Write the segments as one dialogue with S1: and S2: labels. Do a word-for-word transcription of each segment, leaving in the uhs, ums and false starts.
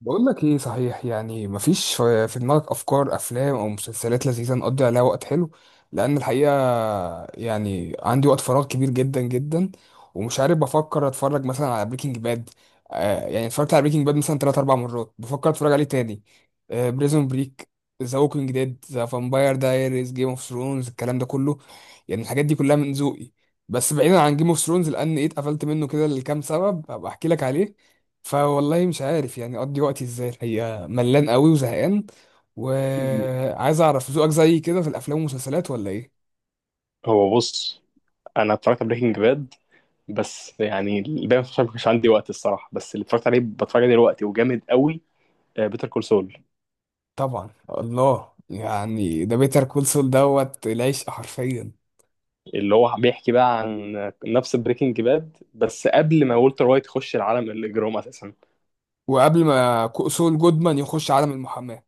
S1: بقول لك ايه؟ صحيح، يعني مفيش في في دماغك افكار افلام او مسلسلات لذيذه نقضي عليها وقت حلو؟ لان الحقيقه يعني عندي وقت فراغ كبير جدا جدا. ومش عارف، بفكر اتفرج مثلا على بريكنج باد. آه يعني اتفرجت على بريكنج باد مثلا ثلاث ربع مرات، بفكر اتفرج عليه تاني. آه بريزون بريك، ذا ووكينج ديد، ذا فامباير دايريز، جيم اوف ثرونز، الكلام ده كله، يعني الحاجات دي كلها من ذوقي. بس بعيدا عن جيم اوف ثرونز لان ايه اتقفلت منه كده لكام سبب هبقى احكي لك عليه. فوالله مش عارف يعني اقضي وقتي ازاي، الحقيقه ملان قوي وزهقان. وعايز اعرف ذوقك زي كده في الافلام والمسلسلات، ولا ايه؟
S2: هو بص، انا اتفرجت على بريكنج باد، بس يعني الباقي ما كانش عندي وقت الصراحه. بس اللي اتفرجت عليه بتفرج عليه دلوقتي وجامد قوي، بيتر كول سول.
S1: طبعا، الله! يعني ده بيتر كول سول دوت العشق حرفيا.
S2: اللي هو بيحكي بقى عن آه، نفس بريكنج باد بس قبل ما والتر وايت يخش العالم الاجرام اساسا.
S1: وقبل ما كول سول جودمان يخش عالم المحاماة.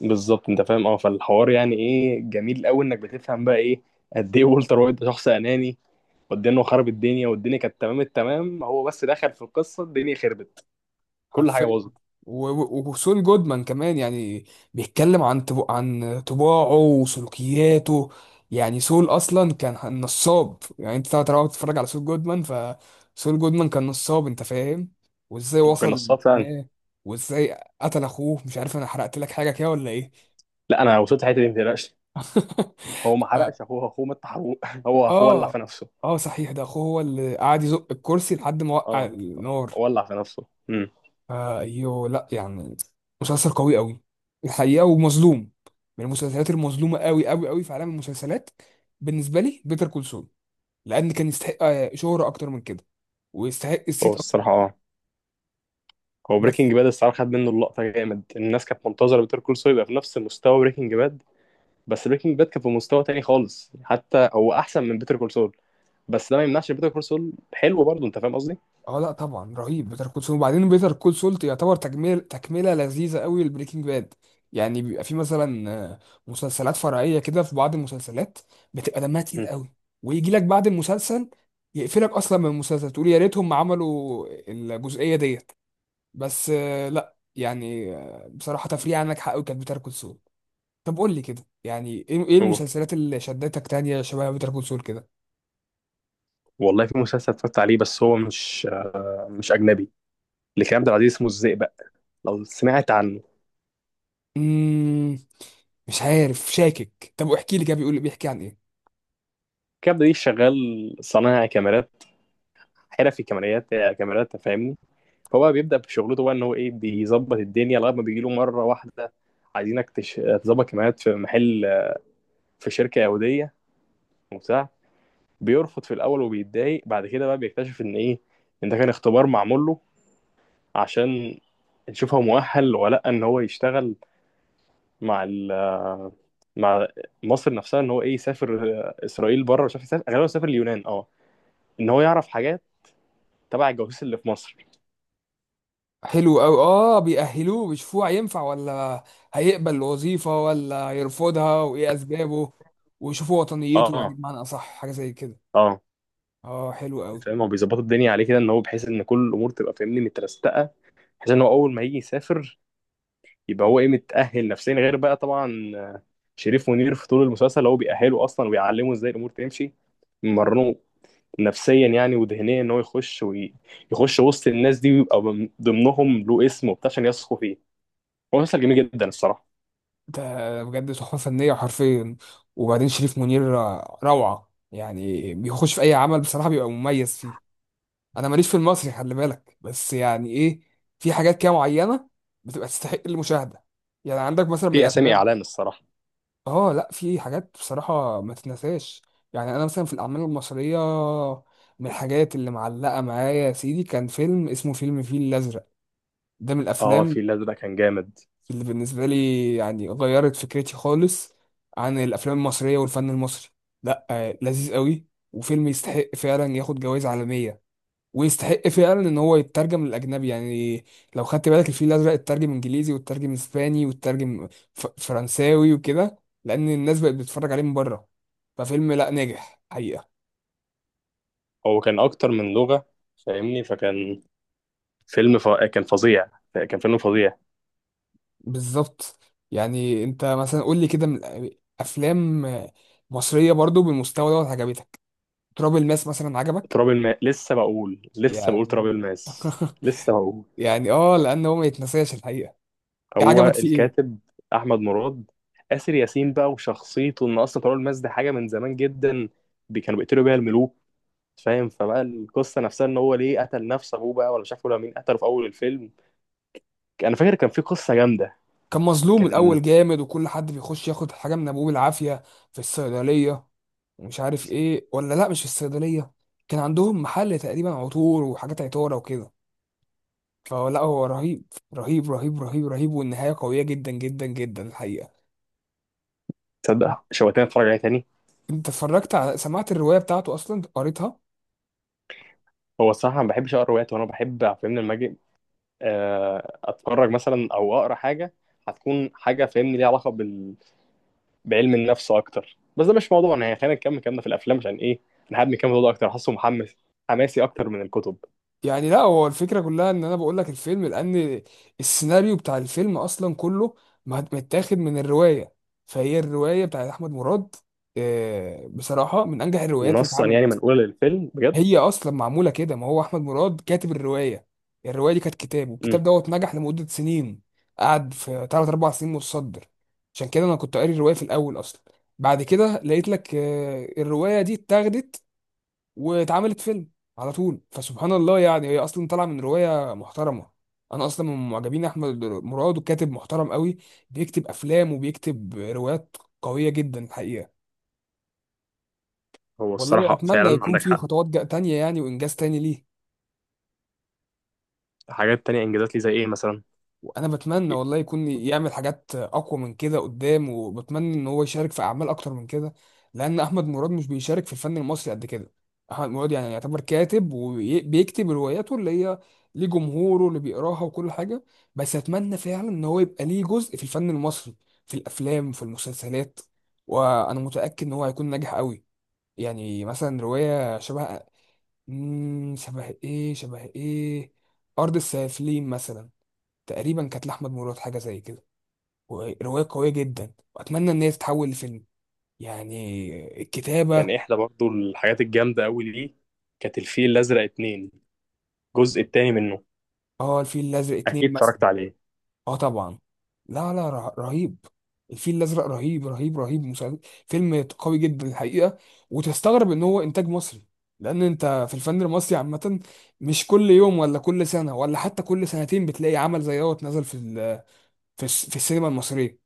S2: بالظبط انت فاهم، اه. فالحوار يعني ايه جميل قوي انك بتفهم بقى ايه قد ايه والتر وايت ده شخص اناني، وقد ايه انه خرب الدنيا، والدنيا كانت تمام التمام، هو بس دخل في القصه الدنيا خربت. كل حاجه
S1: حرفيا.
S2: باظت.
S1: و- و- وسول جودمان كمان يعني. بيتكلم عن طب... عن طباعه وسلوكياته. يعني سول اصلا كان نصاب، يعني انت طبعا بتتفرج على سول جودمان، فسول جودمان كان نصاب، انت فاهم. وازاي
S2: ما كان
S1: وصل
S2: نصاب فعلا.
S1: للمحاماه، وازاي قتل اخوه، مش عارف، انا حرقت لك حاجه كده ولا ايه؟
S2: لا انا وصلت حته دي ما تقلقش. هو ما
S1: ف-
S2: حرقش اخوه، اخوه مات حروق هو اخوه ولع
S1: اه،
S2: في نفسه.
S1: اه، صحيح، ده اخوه هو اللي قعد يزق الكرسي لحد ما وقع
S2: اه،
S1: النار.
S2: ولع في نفسه. امم
S1: آه، ايوه، لا يعني مسلسل قوي قوي الحقيقه، ومظلوم. من المسلسلات المظلومه قوي قوي قوي في عالم المسلسلات بالنسبه لي بيتر كول سول، لان كان يستحق آه، شهره اكتر من كده، ويستحق
S2: هو
S1: الصيت اكتر من
S2: الصراحه،
S1: كده.
S2: اه، هو
S1: بس
S2: بريكنج باد الصراحه خد منه اللقطه جامد، الناس كانت منتظره بيتر كول سول يبقى في نفس مستوى بريكنج باد. بس بريكنج باد كان في مستوى تاني خالص، حتى هو احسن من بيتر كول سول. بس ده ما يمنعش بيتر كول سول حلو برضه، انت فاهم قصدي.
S1: اه، لا، طبعا رهيب بيتر كول سول. وبعدين بيتر كول سول يعتبر تكمل تكمله لذيذه قوي لبريكنج باد. يعني بيبقى في مثلا آه، مسلسلات فرعيه كده، في بعض المسلسلات بتبقى دمها تقيل
S2: امم.
S1: قوي، ويجي لك بعد المسلسل يقفلك اصلا من المسلسل، تقول يا ريتهم ما عملوا الجزئيه ديت. بس آه، لا يعني، آه، بصراحه تفريع عنك حق كانت بيتر كول سول. طب قول لي كده، يعني ايه إيه
S2: هو
S1: المسلسلات اللي شدتك تانية شبه بيتر كول سول كده؟
S2: والله في مسلسل اتفرجت عليه بس هو مش آه، مش اجنبي، لكريم عبد العزيز، اسمه الزئبق، لو سمعت عنه.
S1: مم. مش عارف، شاكك، طب احكي لي كده، بيقول بيحكي عن ايه.
S2: كابدا دي شغال صنايعي كاميرات، حرفي كاميرات، كاميرات فاهمني. فهو بيبدأ في شغلته بقى ان هو ايه، بيظبط الدنيا، لغايه ما بيجي له مره واحده عايزينك تش... تظبط كاميرات في محل، في شركه يهوديه وبتاع. بيرفض في الاول وبيتضايق، بعد كده بقى بيكتشف ان ايه، ان ده كان اختبار معمول له عشان نشوف هو مؤهل ولا لا، ان هو يشتغل مع ال... مع مصر نفسها، ان هو ايه، يسافر اسرائيل بره، وشاف يسافر غالبا سافر اليونان اه، ان هو يعرف حاجات تبع الجواسيس اللي في مصر.
S1: حلو قوي، اه، بيأهلوه، بيشوفوه هينفع ولا هيقبل الوظيفة ولا هيرفضها وايه اسبابه، ويشوفوا وطنيته، يعني
S2: اه.
S1: بمعنى اصح حاجة زي كده.
S2: اه
S1: اه، حلو قوي.
S2: فاهم، هو بيظبطوا الدنيا عليه كده ان هو، بحيث ان كل الامور تبقى فاهمني مترستقه، بحيث ان هو اول ما يجي يسافر يبقى هو ايه، متاهل نفسيا. غير بقى طبعا آه، شريف منير في طول المسلسل هو بيأهله اصلا، وبيعلمه ازاي الامور تمشي مرنه، نفسيا يعني وذهنيا، ان هو يخش ويخش وسط الناس دي ويبقى من ضمنهم، له اسم وبتاع عشان يثقوا فيه. هو مسلسل جميل جدا الصراحه.
S1: ده بجد تحفة فنية حرفيا. وبعدين شريف منير روعة، يعني بيخش في اي عمل بصراحة بيبقى مميز فيه. انا ماليش في المصري، خلي بالك، بس يعني ايه، في حاجات كده معينة بتبقى تستحق المشاهدة. يعني عندك مثلا من
S2: في اسامي
S1: الافلام،
S2: اعلان الصراحه.
S1: اه، لا، في حاجات بصراحة ما تتنساش. يعني انا مثلا في الاعمال المصرية، من الحاجات اللي معلقة معايا يا سيدي كان فيلم اسمه فيلم الفيل الازرق. ده من
S2: اه، في
S1: الافلام
S2: الازرق كان جامد،
S1: اللي بالنسبة لي يعني غيرت فكرتي خالص عن الافلام المصرية والفن المصري. لا آه، لذيذ قوي، وفيلم يستحق فعلا ياخد جوائز عالمية، ويستحق فعلا ان هو يترجم للاجنبي يعني. لو خدت بالك الفيل الازرق اترجم انجليزي، واترجم اسباني، واترجم ف- فرنساوي وكده، لان الناس بقت بتتفرج عليه من بره. ففيلم لا ناجح حقيقة.
S2: هو كان اكتر من لغه، فاهمني، فكان فيلم ف... كان فظيع، كان فيلم فظيع.
S1: بالظبط. يعني انت مثلا قول لي كده، من الأ- افلام مصرية برضو بالمستوى دوت عجبتك؟ تراب الماس مثلا عجبك؟
S2: تراب الماس، لسه بقول، لسه بقول تراب
S1: يعني
S2: الماس، لسه بقول.
S1: يعني اه، لان هو ما يتنساش الحقيقة. إيه، عجبك
S2: هو
S1: فيه ايه؟
S2: الكاتب احمد مراد، آسر ياسين بقى وشخصيته، ان اصلا تراب الماس دي حاجه من زمان جدا، بي- كانوا بيقتلوا بيها الملوك. فاهم، فبقى القصه نفسها ان هو ليه قتل نفس ابوه بقى، ولا مش عارف ولا مين قتله في اول الفيلم، انا فاكر كان في قصه جامده.
S1: كان مظلوم
S2: كان
S1: الاول جامد، وكل حد بيخش ياخد حاجه من ابوه بالعافيه، في الصيدليه. ومش عارف ايه، ولا لا، مش في الصيدليه، كان عندهم محل تقريبا عطور وحاجات عطاره وكده. فلا هو رهيب، رهيب، رهيب، رهيب، رهيب، والنهايه قويه جدا جدا جدا الحقيقه.
S2: تصدق شويتين اتفرج عليها تاني.
S1: انت اتفرجت على سمعت الروايه بتاعته اصلا؟ قريتها؟
S2: هو الصراحه ما بحبش اقرا روايات، وانا بحب فاهمني لما اجي آه، اتفرج مثلا او اقرا حاجه، هتكون حاجه فاهمني ليها علاقه بال بعلم النفس اكتر. بس ده مش موضوعنا يعني، خلينا نكمل كلامنا في الافلام عشان ايه، انا حابب نكمل الموضوع ده اكتر، حاسه محمس، حماسي اكتر من الكتب.
S1: يعني لا، هو الفكرة كلها ان انا بقول لك الفيلم لان السيناريو بتاع الفيلم اصلا كله مت- متاخد من الرواية. فهي الرواية بتاعت احمد مراد آه، بصراحة من انجح الروايات اللي
S2: نصا يعني
S1: اتعملت.
S2: منقوله للفيلم بجد.
S1: هي اصلا معمولة كده، ما هو احمد مراد كاتب الرواية. الرواية دي كانت كتاب، والكتاب
S2: امم.
S1: دوت نجح لمدة سنين، قعد في ثلاث اربع سنين متصدر. عشان كده انا كنت قاري الرواية في الاول اصلا، بعد كده لقيت لك آه، الرواية دي اتاخدت واتعملت فيلم على طول. فسبحان الله، يعني هي اصلا طالعه من روايه محترمه. انا اصلا من معجبين احمد مراد، وكاتب محترم قوي، بيكتب افلام وبيكتب روايات قويه جدا الحقيقه.
S2: هو
S1: والله
S2: الصراحه
S1: اتمنى
S2: فعلا
S1: يكون
S2: عندك
S1: في
S2: حق.
S1: خطوات جا- تانية يعني، وانجاز تاني ليه.
S2: حاجات تانية، انجازات ليه زي ايه مثلا؟
S1: انا بتمنى والله يكون يعمل حاجات اقوى من كده قدام، وبتمنى ان هو يشارك في اعمال اكتر من كده، لان احمد مراد مش بيشارك في الفن المصري قد كده. احمد مراد يعني يعتبر كاتب، وبيكتب رواياته اللي هي ليه جمهوره اللي بيقراها وكل حاجه. بس اتمنى فعلا ان هو يبقى ليه جزء في الفن المصري، في الافلام، في المسلسلات، وانا متاكد ان هو هيكون ناجح قوي. يعني مثلا روايه شبه، مم، شبه ايه، شبه ايه، ارض السافلين مثلا، تقريبا كانت لأحمد مراد حاجة زي كده، ورواية قوية جدا، وأتمنى إن هي تتحول لفيلم. يعني
S2: كان
S1: الكتابة.
S2: احدى برضو الحاجات الجامده قوي ليه كانت الفيل الازرق اتنين، الجزء التاني منه،
S1: اه، الفيل الأزرق
S2: اكيد
S1: اتنين مثلا.
S2: اتفرجت عليه.
S1: اه طبعا. لا، لا، ره- رهيب. الفيل الأزرق رهيب، رهيب، رهيب. مسلسل فيلم قوي جدا الحقيقة. وتستغرب إن هو إنتاج مصري، لأن أنت في الفن المصري عامة مش كل يوم ولا كل سنة ولا حتى كل سنتين بتلاقي عمل زي دوت نزل في ال- في الس- في السينما المصرية.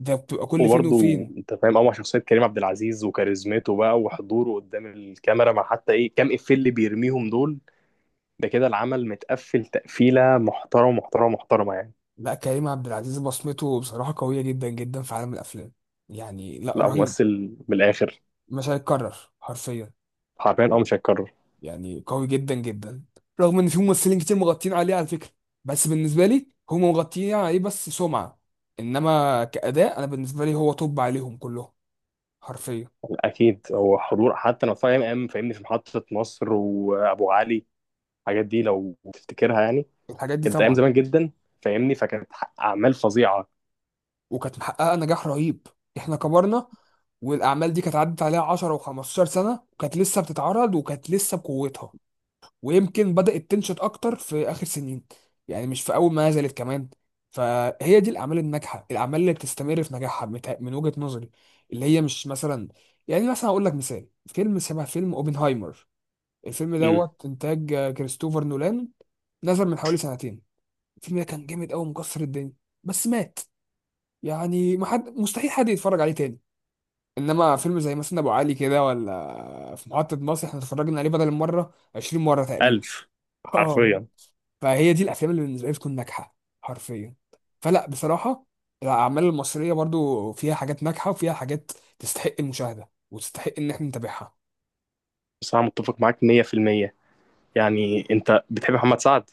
S1: ده بتبقى كل فين
S2: وبرضه
S1: وفين.
S2: انت فاهم قوي شخصيه كريم عبد العزيز وكاريزمته بقى وحضوره قدام الكاميرا، مع حتى ايه كام افيه اللي بيرميهم دول، ده كده العمل متقفل تقفيلة محترمة محترمة محترمة يعني.
S1: لا، كريم عبد العزيز بصمته بصراحة قوية جدا جدا في عالم الأفلام، يعني لا،
S2: لا
S1: رهيب.
S2: ممثل بالآخر.
S1: مش هيتكرر حرفيا،
S2: حرفيا، اه، مش هيتكرر.
S1: يعني قوي جدا جدا، رغم إن في ممثلين كتير مغطين عليه على فكرة. بس بالنسبة لي هم مغطيين عليه بس سمعة، إنما كأداء أنا بالنسبة لي هو توب عليهم كلهم، حرفيا.
S2: اكيد هو حضور حتى لو في ايام، أيام فاهمني في محطة مصر وابو علي، الحاجات دي لو تفتكرها يعني،
S1: الحاجات دي
S2: كانت ايام
S1: طبعا،
S2: زمان جدا فاهمني، فكانت اعمال فظيعة.
S1: وكانت محققة نجاح رهيب. إحنا كبرنا، والأعمال دي كانت عدت عليها عشر و15 سنة، وكانت لسه بتتعرض، وكانت لسه بقوتها. ويمكن بدأت تنشط أكتر في آخر سنين، يعني مش في أول ما نزلت كمان. فهي دي الأعمال الناجحة، الأعمال اللي بتستمر في نجاحها مت- من وجهة نظري. اللي هي مش مثلا، يعني مثلا أقول لك مثال، فيلم شبه فيلم أوبنهايمر. الفيلم
S2: امم.
S1: دوت إنتاج آه، كريستوفر نولان، نزل من حوالي سنتين. الفيلم ده كان جامد قوي مكسر الدنيا، بس مات. يعني ما حد مستحيل حد يتفرج عليه تاني. انما فيلم زي مثلا ابو علي كده، ولا في محطة مصر، احنا اتفرجنا عليه بدل المرة عشرين مرة تقريبا.
S2: الف.
S1: اه.
S2: حرفيا.
S1: فهي دي الافلام اللي بالنسبه لي بتكون ناجحه حرفيا. فلا بصراحه الاعمال المصريه برضو فيها حاجات ناجحه، وفيها حاجات تستحق المشاهده وتستحق ان احنا نتابعها.
S2: بس انا متفق معاك مية بالمية. يعني انت بتحب محمد سعد؟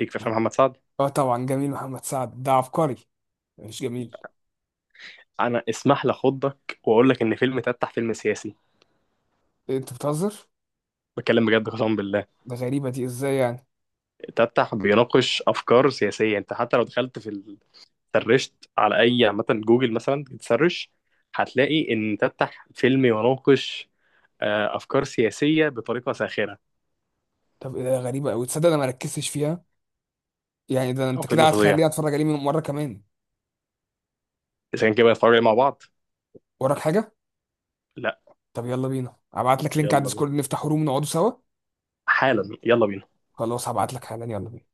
S2: ليك في افلام محمد سعد.
S1: اه طبعا، جميل. محمد سعد ده عبقري، مش جميل.
S2: انا اسمح لي اخضك واقول لك ان فيلم تفتح فيلم سياسي.
S1: انت بتهزر!
S2: بتكلم بجد، قسما بالله.
S1: ده غريبه، دي ازاي يعني؟
S2: تفتح بيناقش افكار سياسيه، انت حتى لو دخلت في ال- سرشت على اي عامه جوجل مثلا تسرش، هتلاقي ان تفتح فيلم يناقش آه، افكار سياسيه بطريقه ساخره.
S1: طب إيه، ده غريبه قوي، تصدق انا ما ركزتش فيها. يعني ده
S2: او
S1: انت
S2: فيلم
S1: كده
S2: فظيع،
S1: هتخليني اتفرج عليه مره كمان.
S2: اذا كان كده بنتفرج عليه مع بعض.
S1: وراك حاجه؟
S2: لا.
S1: طب يلا بينا، هبعت لك لينك على
S2: يلا بينا،
S1: الديسكورد، نفتح روم، نقعدوا سوا.
S2: حالا يلا بينا.
S1: خلاص، هبعت لك حالا، يلا بينا.